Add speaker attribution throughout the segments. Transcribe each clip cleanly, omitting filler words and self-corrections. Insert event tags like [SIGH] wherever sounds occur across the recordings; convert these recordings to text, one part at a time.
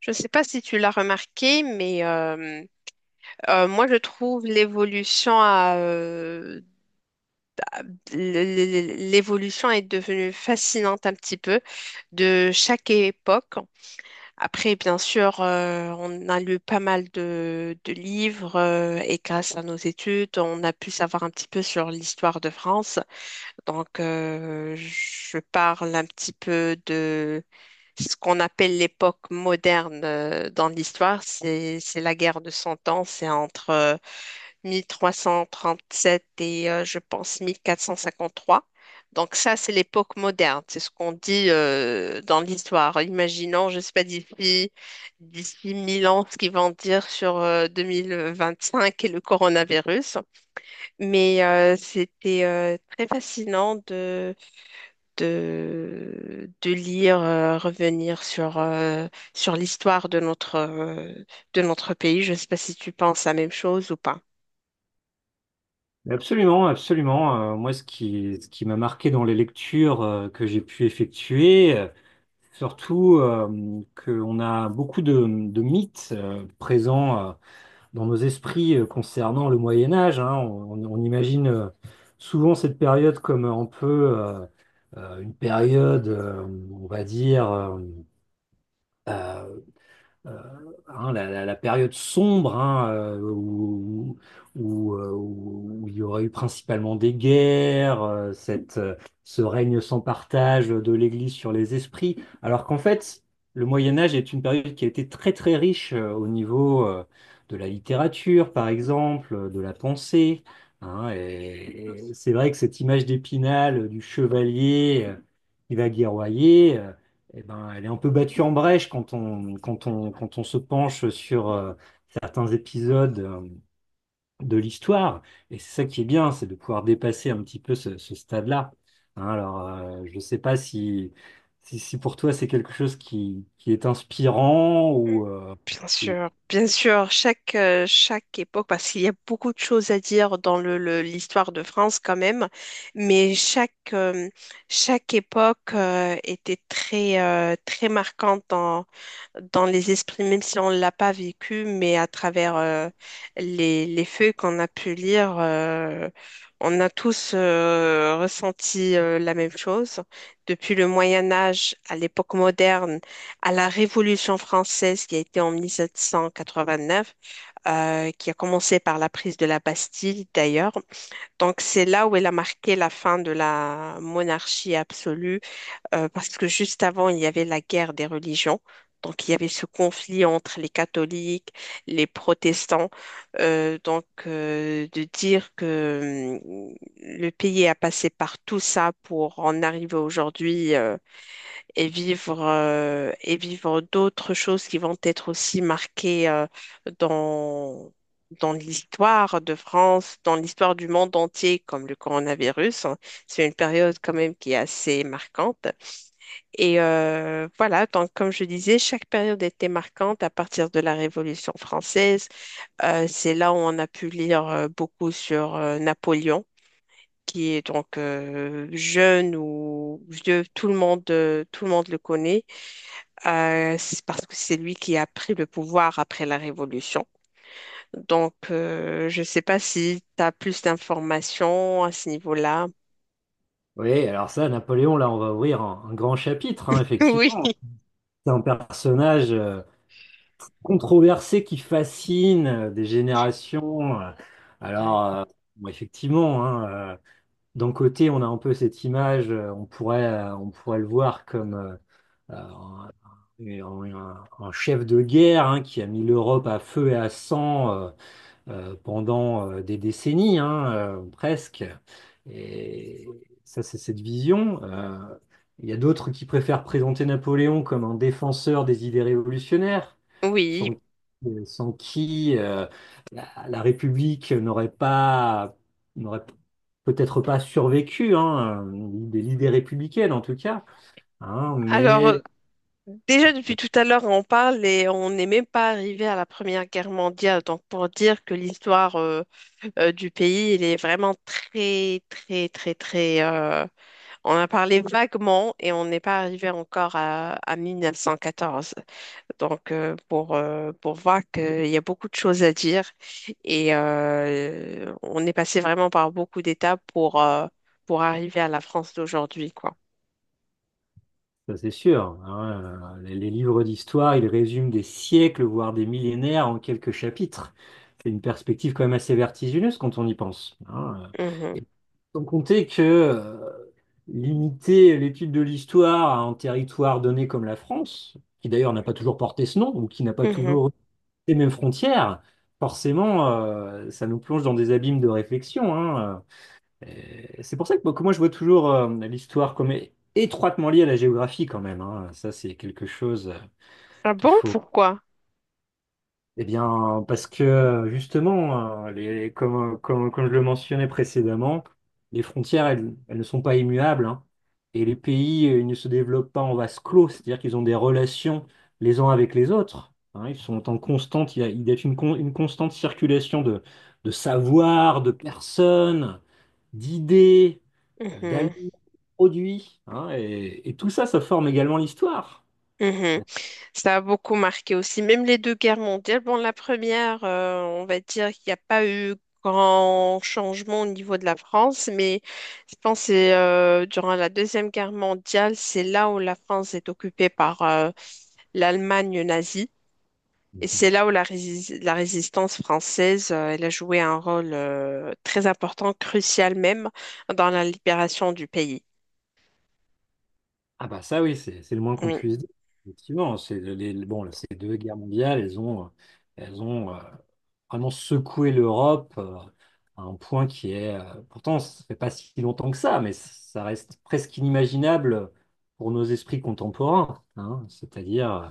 Speaker 1: Je ne sais pas si tu l'as remarqué, mais moi je trouve l'évolution l'évolution est devenue fascinante un petit peu de chaque époque. Après, bien sûr, on a lu pas mal de livres et grâce à nos études, on a pu savoir un petit peu sur l'histoire de France. Donc, je parle un petit peu de ce qu'on appelle l'époque moderne dans l'histoire. C'est la guerre de Cent Ans. C'est entre 1337 et je pense 1453. Donc ça, c'est l'époque moderne, c'est ce qu'on dit dans l'histoire. Imaginons, je ne sais pas, d'ici 1000 ans, ce qu'ils vont dire sur 2025 et le coronavirus. Mais c'était très fascinant de lire, revenir sur, sur l'histoire de notre pays. Je ne sais pas si tu penses la même chose ou pas.
Speaker 2: Absolument, absolument. Moi, ce qui m'a marqué dans les lectures que j'ai pu effectuer, surtout qu'on a beaucoup de mythes présents dans nos esprits concernant le Moyen Âge, hein. On imagine souvent cette période comme un peu euh, une période, on va dire, euh, euh, hein, la période sombre hein, où, où il y aurait eu principalement des guerres, ce règne sans partage de l'Église sur les esprits, alors qu'en fait, le Moyen Âge est une période qui a été très très riche au niveau de la littérature, par exemple, de la pensée. Hein, et c'est vrai que cette image d'Épinal, du chevalier qui va guerroyer, eh ben, elle est un peu battue en brèche quand on se penche sur certains épisodes de l'histoire. Et c'est ça qui est bien, c'est de pouvoir dépasser un petit peu ce, ce stade-là. Hein, alors, je ne sais pas si pour toi c'est quelque chose qui est inspirant ou-
Speaker 1: Bien sûr, chaque époque, parce qu'il y a beaucoup de choses à dire dans l'histoire de France quand même, mais chaque époque était très, très marquante dans les esprits, même si on ne l'a pas vécu, mais à travers les feuilles qu'on a pu lire, on a tous ressenti la même chose. Depuis le Moyen Âge à l'époque moderne, à la Révolution française qui a été en 1789, qui a commencé par la prise de la Bastille d'ailleurs. Donc c'est là où elle a marqué la fin de la monarchie absolue parce que juste avant, il y avait la guerre des religions. Donc, il y avait ce conflit entre les catholiques, les protestants. Donc, de dire que le pays a passé par tout ça pour en arriver aujourd'hui et vivre d'autres choses qui vont être aussi marquées dans, dans l'histoire de France, dans l'histoire du monde entier, comme le coronavirus. Hein. C'est une période quand même qui est assez marquante. Et voilà, donc comme je disais, chaque période était marquante à partir de la Révolution française. C'est là où on a pu lire beaucoup sur Napoléon, qui est donc jeune ou vieux, tout le monde le connaît, c'est parce que c'est lui qui a pris le pouvoir après la Révolution. Donc, je ne sais pas si tu as plus d'informations à ce niveau-là. [LAUGHS]
Speaker 2: Oui, alors ça, Napoléon, là, on va ouvrir un grand chapitre, hein, effectivement.
Speaker 1: Oui.
Speaker 2: C'est un personnage controversé qui fascine des générations. Euh.
Speaker 1: Ouais.
Speaker 2: Alors, bon, effectivement, hein, d'un côté, on a un peu cette image, on pourrait le voir comme un, un chef de guerre hein, qui a mis l'Europe à feu et à sang. Pendant des décennies, hein, presque. Et ça, c'est cette vision. Il y a d'autres qui préfèrent présenter Napoléon comme un défenseur des idées révolutionnaires,
Speaker 1: Oui.
Speaker 2: sans, sans qui la, la République n'aurait peut-être pas survécu, hein, l'idée républicaine en tout cas. Hein,
Speaker 1: Alors,
Speaker 2: mais
Speaker 1: déjà depuis tout à l'heure, on parle et on n'est même pas arrivé à la Première Guerre mondiale. Donc pour dire que l'histoire du pays, il est vraiment très, très, très, très. On a parlé vaguement et on n'est pas arrivé encore à 1914. Donc pour voir qu'il y a beaucoup de choses à dire et on est passé vraiment par beaucoup d'étapes pour arriver à la France d'aujourd'hui, quoi.
Speaker 2: Ça, c'est sûr. Hein, les livres d'histoire, ils résument des siècles, voire des millénaires en quelques chapitres. C'est une perspective quand même assez vertigineuse quand on y pense. Hein.
Speaker 1: Mhm.
Speaker 2: Et sans compter que limiter l'étude de l'histoire à un territoire donné comme la France, qui d'ailleurs n'a pas toujours porté ce nom, ou qui n'a pas
Speaker 1: Mhm.
Speaker 2: toujours les mêmes frontières, forcément, ça nous plonge dans des abîmes de réflexion. Hein. Et c'est pour ça que moi, je vois toujours l'histoire comme étroitement liée à la géographie quand même. Hein. Ça, c'est quelque chose
Speaker 1: Ah
Speaker 2: qu'il
Speaker 1: bon,
Speaker 2: faut.
Speaker 1: pourquoi?
Speaker 2: Eh bien, parce que justement, les, comme je le mentionnais précédemment, les frontières, elles, elles ne sont pas immuables. Hein. Et les pays, ils ne se développent pas en vase clos, c'est-à-dire qu'ils ont des relations les uns avec les autres. Hein. Ils sont en constante, il y a une, une constante circulation de savoir, de personnes d'idées, d'aliments, de produits. Hein, et tout ça, ça forme également l'histoire.
Speaker 1: Mhm.
Speaker 2: [LAUGHS]
Speaker 1: Ça a beaucoup marqué aussi. Même les deux guerres mondiales. Bon, la première, on va dire qu'il n'y a pas eu grand changement au niveau de la France, mais je pense que c'est, durant la Deuxième Guerre mondiale, c'est là où la France est occupée par l'Allemagne nazie. Et
Speaker 2: Mhm.
Speaker 1: c'est là où la résistance française, elle a joué un rôle très important, crucial même, dans la libération du pays.
Speaker 2: Ah bah ça oui, c'est le moins qu'on
Speaker 1: Oui,
Speaker 2: puisse dire. Effectivement, c'est les, bon, là, ces deux guerres mondiales, elles ont vraiment secoué l'Europe à un point qui est, pourtant, ça fait pas si longtemps que ça, mais ça reste presque inimaginable pour nos esprits contemporains. Hein. C'est-à-dire,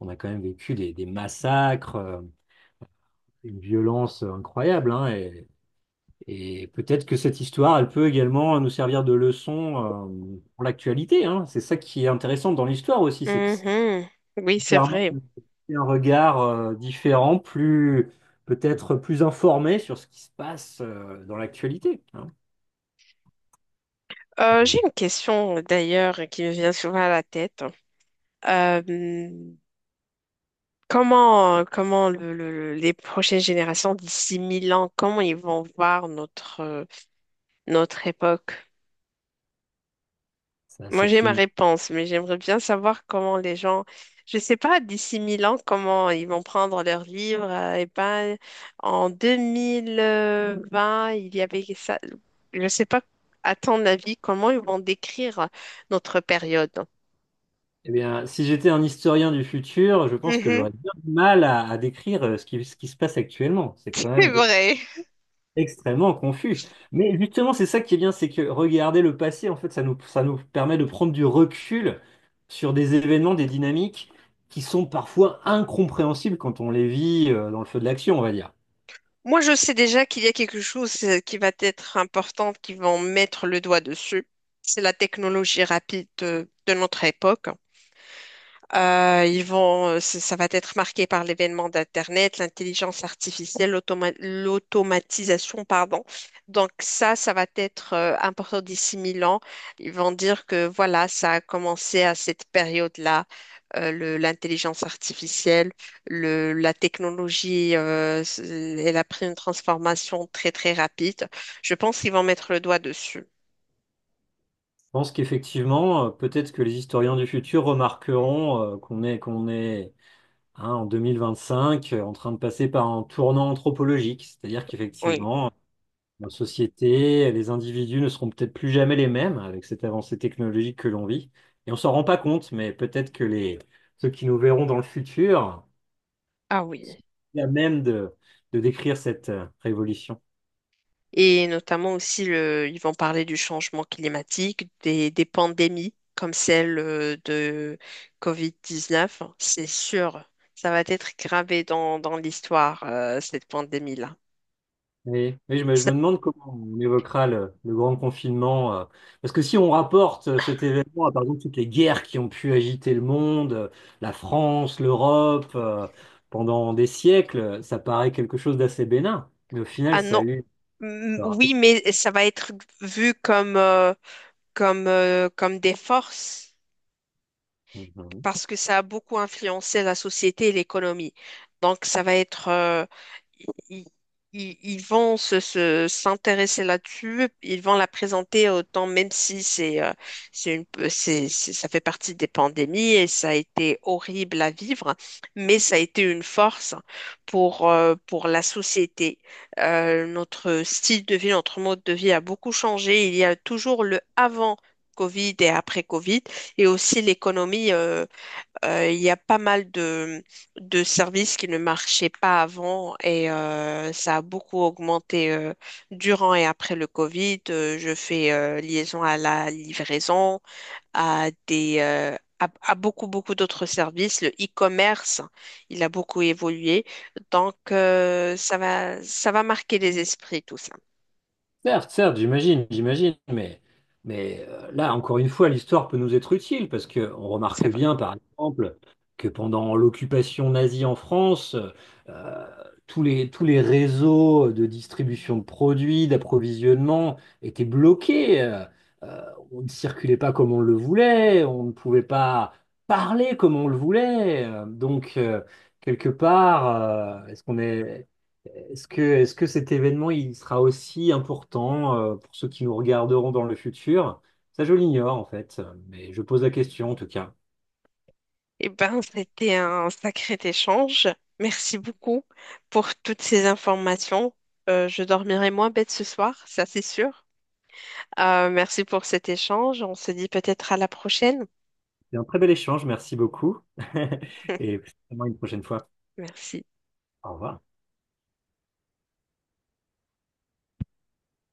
Speaker 2: on a quand même vécu des massacres, une violence incroyable, hein, et peut-être que cette histoire, elle peut également nous servir de leçon pour l'actualité, hein. C'est ça qui est intéressant dans l'histoire aussi, c'est que ça
Speaker 1: mhm. Oui, c'est
Speaker 2: permet
Speaker 1: vrai.
Speaker 2: de porter un regard différent, plus peut-être plus informé sur ce qui se passe dans l'actualité, hein.
Speaker 1: J'ai une question d'ailleurs qui me vient souvent à la tête. Euh, comment les prochaines générations d'ici 1000 ans, comment ils vont voir notre, notre époque?
Speaker 2: Ça,
Speaker 1: Moi, j'ai
Speaker 2: c'est
Speaker 1: ma
Speaker 2: une...
Speaker 1: réponse, mais j'aimerais bien savoir comment les gens, je sais pas, d'ici 1000 ans, comment ils vont prendre leurs livres. Et ben, en deux mille vingt il y avait ça. Je sais pas, à ton avis, comment ils vont décrire notre période?
Speaker 2: Eh bien, si j'étais un historien du futur, je pense que
Speaker 1: Mhm,
Speaker 2: j'aurais
Speaker 1: [LAUGHS]
Speaker 2: bien du mal à décrire ce qui se passe actuellement. C'est quand
Speaker 1: c'est
Speaker 2: même
Speaker 1: vrai.
Speaker 2: extrêmement confus. Mais justement, c'est ça qui est bien, c'est que regarder le passé, en fait, ça nous permet de prendre du recul sur des événements, des dynamiques qui sont parfois incompréhensibles quand on les vit dans le feu de l'action, on va dire.
Speaker 1: Moi, je sais déjà qu'il y a quelque chose qui va être important, qui vont mettre le doigt dessus. C'est la technologie rapide de notre époque. Ils vont, ça ça va être marqué par l'événement d'Internet, l'intelligence artificielle, l'automatisation, pardon. Donc ça va être important d'ici mille ans. Ils vont dire que voilà, ça a commencé à cette période-là, l'intelligence artificielle, la technologie, elle a pris une transformation très très rapide. Je pense qu'ils vont mettre le doigt dessus.
Speaker 2: Je pense qu'effectivement, peut-être que les historiens du futur remarqueront qu'on est hein, en 2025 en train de passer par un tournant anthropologique, c'est-à-dire
Speaker 1: Oui.
Speaker 2: qu'effectivement, nos sociétés, les individus ne seront peut-être plus jamais les mêmes avec cette avancée technologique que l'on vit. Et on s'en rend pas compte, mais peut-être que les, ceux qui nous verront dans le futur,
Speaker 1: Ah oui.
Speaker 2: il y a même de décrire cette révolution.
Speaker 1: Et notamment aussi, ils vont parler du changement climatique, des pandémies comme celle de Covid-19. C'est sûr, ça va être gravé dans l'histoire, cette pandémie-là.
Speaker 2: Oui, je
Speaker 1: Ça-
Speaker 2: me demande comment on évoquera le grand confinement. Parce que si on rapporte cet événement à, par exemple, toutes les guerres qui ont pu agiter le monde, la France, l'Europe, pendant des siècles, ça paraît quelque chose d'assez bénin. Mais au final,
Speaker 1: Ah
Speaker 2: ça a
Speaker 1: non,
Speaker 2: eu...
Speaker 1: mm, oui, mais ça va être vu comme, comme des forces, parce que ça a beaucoup influencé la société et l'économie. Donc, ça va être, ils, ils- ils vont s'intéresser là-dessus, ils vont la présenter autant, même si c'est, c'est une, c'est- ça fait partie des pandémies et ça a été horrible à vivre, mais ça a été une force pour la société. Notre style de vie, notre mode de vie a beaucoup changé. Il y a toujours le avant. Covid et après Covid, et aussi l'économie. Il y a pas mal de services qui ne marchaient pas avant et ça a beaucoup augmenté durant et après le Covid. Je fais liaison à la livraison, à beaucoup, beaucoup d'autres services. Le e-commerce, il a beaucoup évolué. Donc, ça va marquer les esprits, tout ça.
Speaker 2: Certes, certes, j'imagine, j'imagine, mais là, encore une fois, l'histoire peut nous être utile parce que on remarque
Speaker 1: C'est vrai.
Speaker 2: bien, par exemple, que pendant l'occupation nazie en France, euh, tous les réseaux de distribution de produits, d'approvisionnement étaient bloqués. Euh, on ne circulait pas comme on le voulait, on ne pouvait pas parler comme on le voulait. Donc, quelque part, est-ce qu'on est... est-ce que cet événement, il sera aussi important pour ceux qui nous regarderont dans le futur? Ça, je l'ignore en fait, mais je pose la question en tout cas.
Speaker 1: Eh ben, c'était un sacré échange. Merci beaucoup pour toutes ces informations. Je dormirai moins bête ce soir, ça c'est sûr. Merci pour cet échange. On se dit peut-être à la prochaine.
Speaker 2: C'est un très bel échange, merci beaucoup. [LAUGHS]
Speaker 1: [LAUGHS]
Speaker 2: Et certainement une prochaine fois.
Speaker 1: Merci.
Speaker 2: Au revoir.